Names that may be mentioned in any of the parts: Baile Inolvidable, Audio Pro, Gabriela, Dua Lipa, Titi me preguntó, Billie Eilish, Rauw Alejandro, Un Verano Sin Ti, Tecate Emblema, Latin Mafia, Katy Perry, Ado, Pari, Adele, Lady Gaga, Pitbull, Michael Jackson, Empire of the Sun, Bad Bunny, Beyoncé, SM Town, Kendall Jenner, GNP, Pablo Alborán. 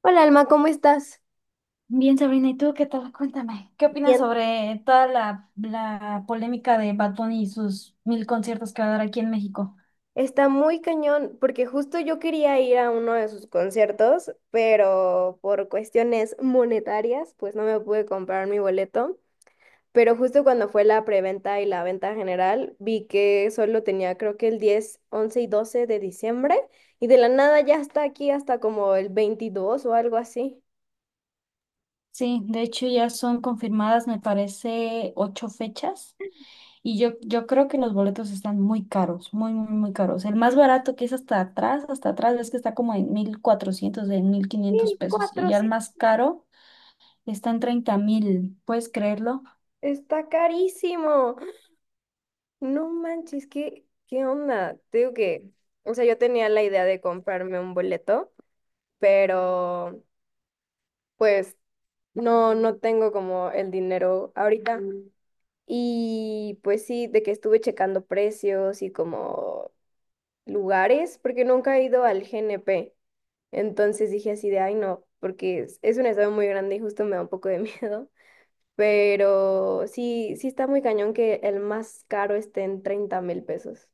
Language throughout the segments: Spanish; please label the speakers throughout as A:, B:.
A: Hola Alma, ¿cómo estás?
B: Bien, Sabrina, ¿y tú qué tal? Cuéntame, ¿qué opinas
A: Bien.
B: sobre toda la polémica de Bad Bunny y sus 1000 conciertos que va a dar aquí en México?
A: Está muy cañón, porque justo yo quería ir a uno de sus conciertos, pero por cuestiones monetarias, pues no me pude comprar mi boleto. Pero justo cuando fue la preventa y la venta general, vi que solo tenía creo que el 10, 11 y 12 de diciembre, y de la nada ya está aquí hasta como el 22 o algo así.
B: Sí, de hecho ya son confirmadas, me parece, ocho fechas y yo creo que los boletos están muy caros, muy, muy, muy caros. El más barato que es hasta atrás, es que está como en 1400, en 1500 pesos y
A: 1004,
B: ya el
A: sí.
B: más caro está en 30,000, ¿puedes creerlo?
A: Está carísimo. No manches, ¿qué onda? Te digo que, o sea, yo tenía la idea de comprarme un boleto, pero pues no, no tengo como el dinero ahorita. Mm. Y pues sí, de que estuve checando precios y como lugares, porque nunca he ido al GNP. Entonces dije así de, ay no, porque es un estado muy grande y justo me da un poco de miedo. Pero sí, sí está muy cañón que el más caro esté en 30,000 pesos.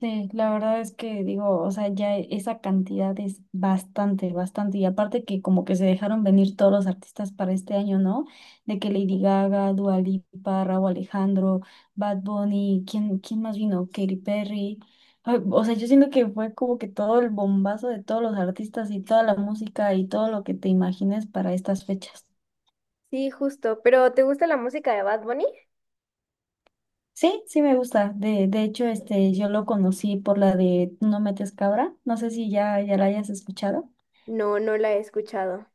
B: Sí, la verdad es que digo, o sea, ya e, esa cantidad es bastante, bastante. Y aparte que como que se dejaron venir todos los artistas para este año, ¿no? De que Lady Gaga, Dua Lipa, Rauw Alejandro, Bad Bunny, ¿quién más vino? Katy Perry. Ay, o sea, yo siento que fue como que todo el bombazo de todos los artistas y toda la música y todo lo que te imagines para estas fechas.
A: Sí, justo. ¿Pero te gusta la música de Bad Bunny?
B: Sí, sí me gusta. De hecho, este, yo lo conocí por la de No metes cabra. No sé si ya la hayas escuchado.
A: No, no la he escuchado.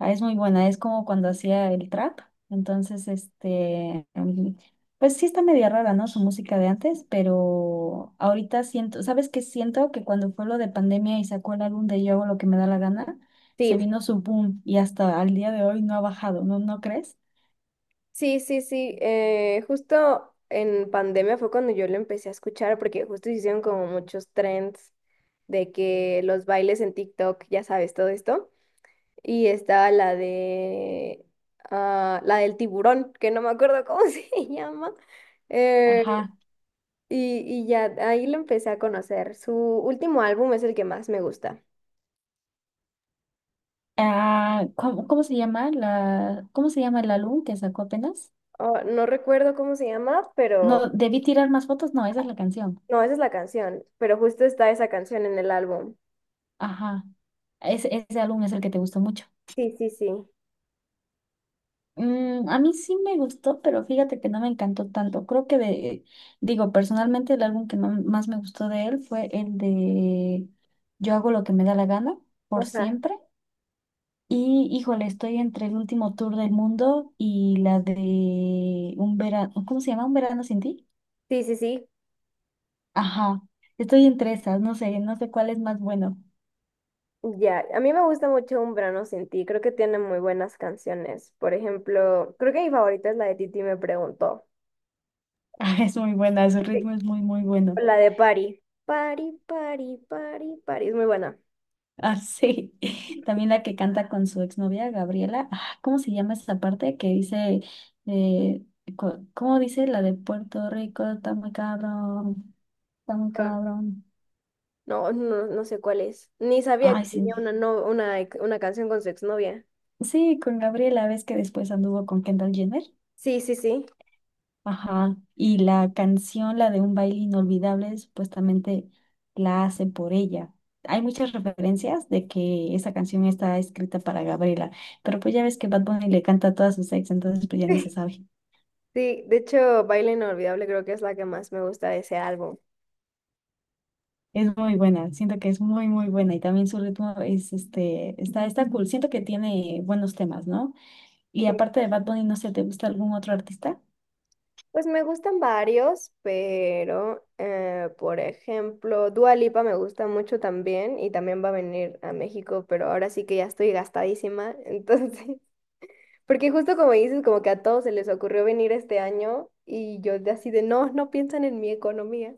B: Ah, es muy buena, es como cuando hacía el trap. Entonces, este, pues sí está media rara, ¿no? Su música de antes, pero ahorita siento, ¿sabes qué siento? Que cuando fue lo de pandemia y sacó el álbum de Yo hago lo que me da la gana,
A: Sí,
B: se vino su boom y hasta al día de hoy no ha bajado, ¿no? ¿No crees?
A: sí, sí, sí. Justo en pandemia fue cuando yo lo empecé a escuchar porque justo hicieron como muchos trends de que los bailes en TikTok, ya sabes, todo esto. Y estaba la de... Ah, la del tiburón, que no me acuerdo cómo se llama. Eh,
B: Ajá.
A: y, y ya ahí lo empecé a conocer. Su último álbum es el que más me gusta.
B: Ah, ¿cómo se llama el álbum que sacó apenas?
A: Oh, no recuerdo cómo se llama, pero...
B: No, debí tirar más fotos, no, esa es la canción.
A: No, esa es la canción, pero justo está esa canción en el álbum.
B: Ajá. Ese álbum es el que te gustó mucho.
A: Sí, sí, sí.
B: Mm, a mí sí me gustó, pero fíjate que no me encantó tanto. Creo que digo, personalmente el álbum que más me gustó de él fue el de Yo hago lo que me da la gana, por
A: Ajá.
B: siempre. Y híjole, estoy entre el último tour del mundo y la de un verano, ¿cómo se llama? ¿Un verano sin ti?
A: Sí, sí, sí.
B: Ajá, estoy entre esas, no sé cuál es más bueno.
A: Ya, a mí me gusta mucho Un Verano Sin Ti, creo que tiene muy buenas canciones. Por ejemplo, creo que mi favorita es la de Titi me preguntó.
B: Ah, es muy buena, su
A: Sí.
B: ritmo es muy, muy bueno.
A: La de Pari. Pari, Pari, Pari, Pari, es muy buena.
B: Ah, sí. También la que canta con su exnovia, Gabriela. Ah, ¿cómo se llama esa parte que dice, eh, cómo dice la de Puerto Rico? Está muy cabrón, está muy
A: Ah.
B: cabrón.
A: No, no, no sé cuál es. Ni sabía
B: Ay,
A: que
B: sí.
A: tenía una, no, una canción con su exnovia.
B: Sí, con Gabriela, ves que después anduvo con Kendall Jenner.
A: Sí, sí, sí.
B: Ajá. Y la canción, la de Un baile inolvidable, supuestamente la hace por ella. Hay muchas referencias de que esa canción está escrita para Gabriela, pero pues ya ves que Bad Bunny le canta a todas sus ex, entonces pues ya ni se sabe.
A: Sí, de hecho, Baile Inolvidable creo que es la que más me gusta de ese álbum.
B: Es muy buena, siento que es muy, muy buena y también su ritmo es, este, está cool, siento que tiene buenos temas, ¿no? Y
A: Sí.
B: aparte de Bad Bunny, no sé, ¿te gusta algún otro artista?
A: Pues me gustan varios, pero por ejemplo, Dua Lipa me gusta mucho también y también va a venir a México, pero ahora sí que ya estoy gastadísima, entonces, porque justo como dices, como que a todos se les ocurrió venir este año y yo de así de no, no piensan en mi economía.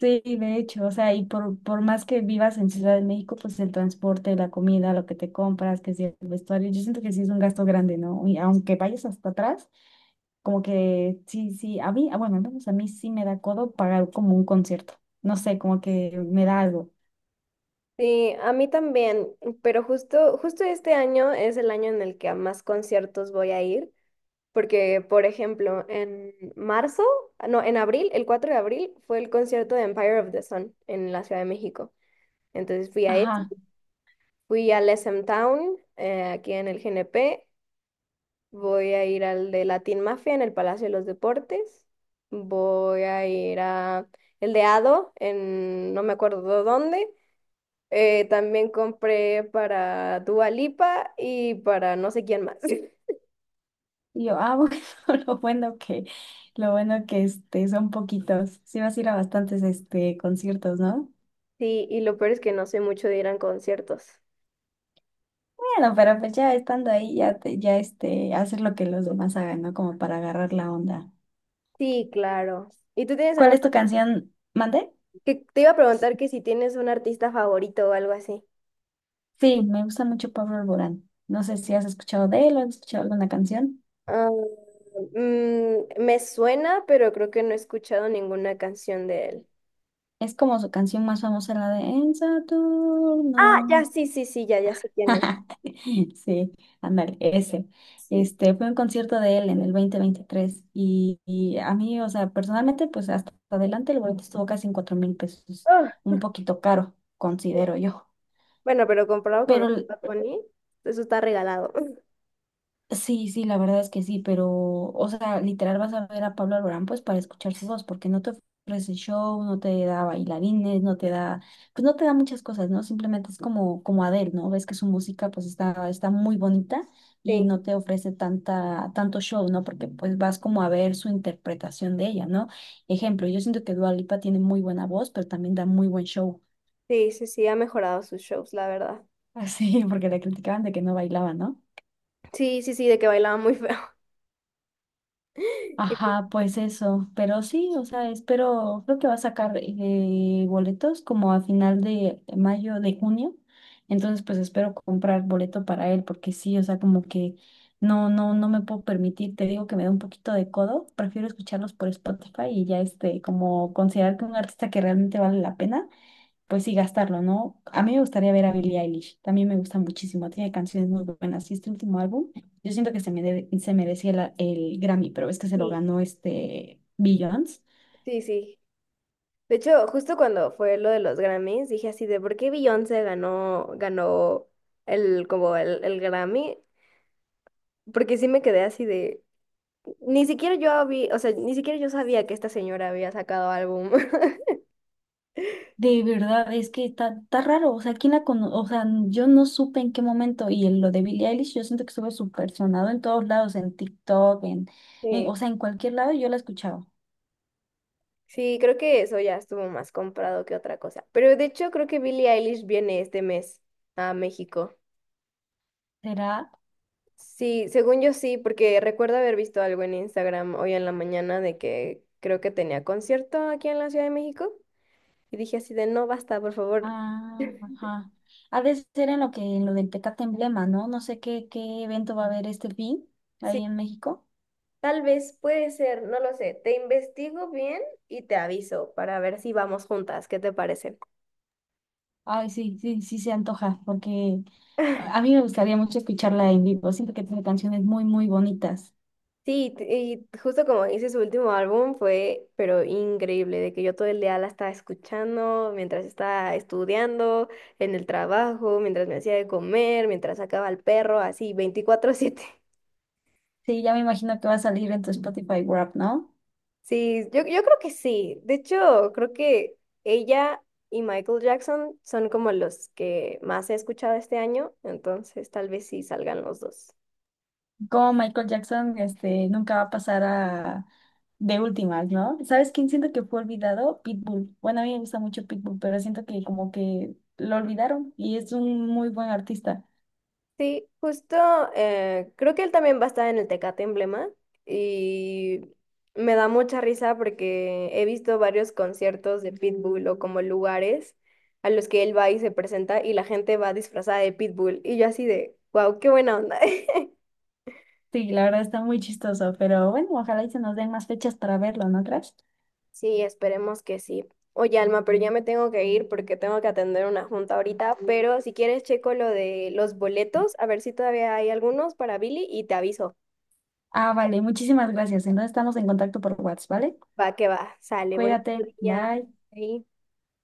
B: Sí, de hecho, o sea, y por más que vivas en Ciudad de México, pues el transporte, la comida, lo que te compras, que si el vestuario, yo siento que sí es un gasto grande, ¿no? Y aunque vayas hasta atrás, como que sí, sí, a mí, ah, bueno, al menos a mí sí me da codo pagar como un concierto, no sé, como que me da algo.
A: Sí, a mí también, pero justo este año es el año en el que a más conciertos voy a ir. Porque, por ejemplo, en marzo, ah, no, en abril, el 4 de abril, fue el concierto de Empire of the Sun en la Ciudad de México. Entonces fui a ese,
B: Ajá.
A: fui al SM Town, aquí en el GNP, voy a ir al de Latin Mafia en el Palacio de los Deportes, voy a ir a el de Ado en no me acuerdo dónde. También compré para Dua Lipa y para no sé quién más.
B: Y yo, ah, bueno, lo bueno que, lo bueno que este, son poquitos. Sí vas a ir a bastantes este, conciertos, ¿no?
A: Sí, y lo peor es que no sé mucho de ir a conciertos.
B: Bueno, pero pues ya estando ahí, ya este, hacer lo que los demás hagan, ¿no? Como para agarrar la onda.
A: Sí, claro. ¿Y tú tienes
B: ¿Cuál
A: algún...
B: es tu canción? ¿Mandé?
A: que te iba a preguntar que si tienes un artista favorito o algo así?
B: Sí, me gusta mucho Pablo Alborán. No sé si has escuchado de él o has escuchado alguna canción.
A: Ah, me suena, pero creo que no he escuchado ninguna canción de él.
B: Es como su canción más famosa, la de En
A: Ah,
B: Saturno.
A: ya, sí, sí, sí, ya, ya sé quién es.
B: Sí, ándale, ese.
A: Sí.
B: Este fue un concierto de él en el 2023 y, a mí, o sea, personalmente, pues hasta adelante el boleto estuvo casi en 4000 pesos,
A: Ah,
B: un poquito caro, considero yo.
A: bueno, pero comparado con
B: Pero
A: los de Bad Bunny, eso está regalado.
B: sí, sí, la verdad es que sí, pero, o sea, literal vas a ver a Pablo Alborán pues para escuchar su voz, porque no te ofrece show, no te da bailarines, pues no te da muchas cosas, ¿no? Simplemente es como, Adele, ¿no? Ves que su música pues está muy bonita y
A: Sí,
B: no te ofrece tanto show, ¿no? Porque pues vas como a ver su interpretación de ella, ¿no? Ejemplo, yo siento que Dua Lipa tiene muy buena voz, pero también da muy buen show.
A: sí, sí, sí, ha mejorado sus shows, la verdad.
B: Así, porque la criticaban de que no bailaba, ¿no?
A: Sí, sí, sí, de que bailaba muy feo. Y pues,
B: Ajá, pues eso, pero sí, o sea, espero, creo que va a sacar boletos como a final de mayo, de junio, entonces pues espero comprar boleto para él, porque sí, o sea, como que no me puedo permitir, te digo que me da un poquito de codo, prefiero escucharlos por Spotify y ya este, como considerar que un artista que realmente vale la pena pues sí, gastarlo, ¿no? A mí me gustaría ver a Billie Eilish, también me gusta muchísimo, tiene canciones muy buenas. Y este último álbum, yo siento que se merecía el Grammy, pero es que se lo
A: sí,
B: ganó este Beyoncé.
A: sí, sí. De hecho, justo cuando fue lo de los Grammys, dije así de por qué Beyoncé ganó el, como el Grammy, porque sí me quedé así de, ni siquiera yo había, o sea, ni siquiera yo sabía que esta señora había sacado álbum.
B: De verdad, es que está, raro, o sea, o sea, yo no supe en qué momento, y en lo de Billie Eilish, yo siento que estuve súper sonado en todos lados, en TikTok, en, o
A: Sí,
B: sea, en cualquier lado yo la escuchaba.
A: sí, creo que eso ya estuvo más comprado que otra cosa. Pero de hecho creo que Billie Eilish viene este mes a México.
B: ¿Será?
A: Sí, según yo sí, porque recuerdo haber visto algo en Instagram hoy en la mañana de que creo que tenía concierto aquí en la Ciudad de México. Y dije así de, no, basta, por favor.
B: Ah, ajá. Ha de ser en lo del Petate Emblema, ¿no? No sé qué evento va a haber este fin ahí
A: Sí,
B: en México.
A: tal vez puede ser, no lo sé. Te investigo bien y te aviso para ver si vamos juntas. ¿Qué te parece?
B: Ay, sí, sí, sí se antoja, porque a mí me gustaría mucho escucharla en vivo. Siento que tiene canciones muy, muy bonitas.
A: Sí, y justo como hice su último álbum fue, pero increíble, de que yo todo el día la estaba escuchando, mientras estaba estudiando, en el trabajo, mientras me hacía de comer, mientras sacaba al perro, así 24/7.
B: Sí, ya me imagino que va a salir en tu Spotify Wrapped, ¿no?
A: Sí, yo creo que sí. De hecho, creo que ella y Michael Jackson son como los que más he escuchado este año, entonces tal vez sí salgan los dos.
B: Como Michael Jackson, este, nunca va a pasar a de últimas, ¿no? ¿Sabes quién siento que fue olvidado? Pitbull. Bueno, a mí me gusta mucho Pitbull, pero siento que como que lo olvidaron y es un muy buen artista.
A: Sí, justo creo que él también va a estar en el Tecate Emblema y me da mucha risa porque he visto varios conciertos de Pitbull o como lugares a los que él va y se presenta y la gente va disfrazada de Pitbull y yo así de, wow, qué buena onda.
B: Sí, la verdad está muy chistoso, pero bueno, ojalá y se nos den más fechas para verlo, ¿no crees?
A: Sí, esperemos que sí. Oye, Alma, pero ya me tengo que ir porque tengo que atender una junta ahorita, pero si quieres checo lo de los boletos, a ver si todavía hay algunos para Billy y te aviso.
B: Ah, vale, muchísimas gracias. Entonces estamos en contacto por WhatsApp, ¿vale?
A: Va que va, sale, bonito
B: Cuídate,
A: día.
B: bye.
A: Ahí.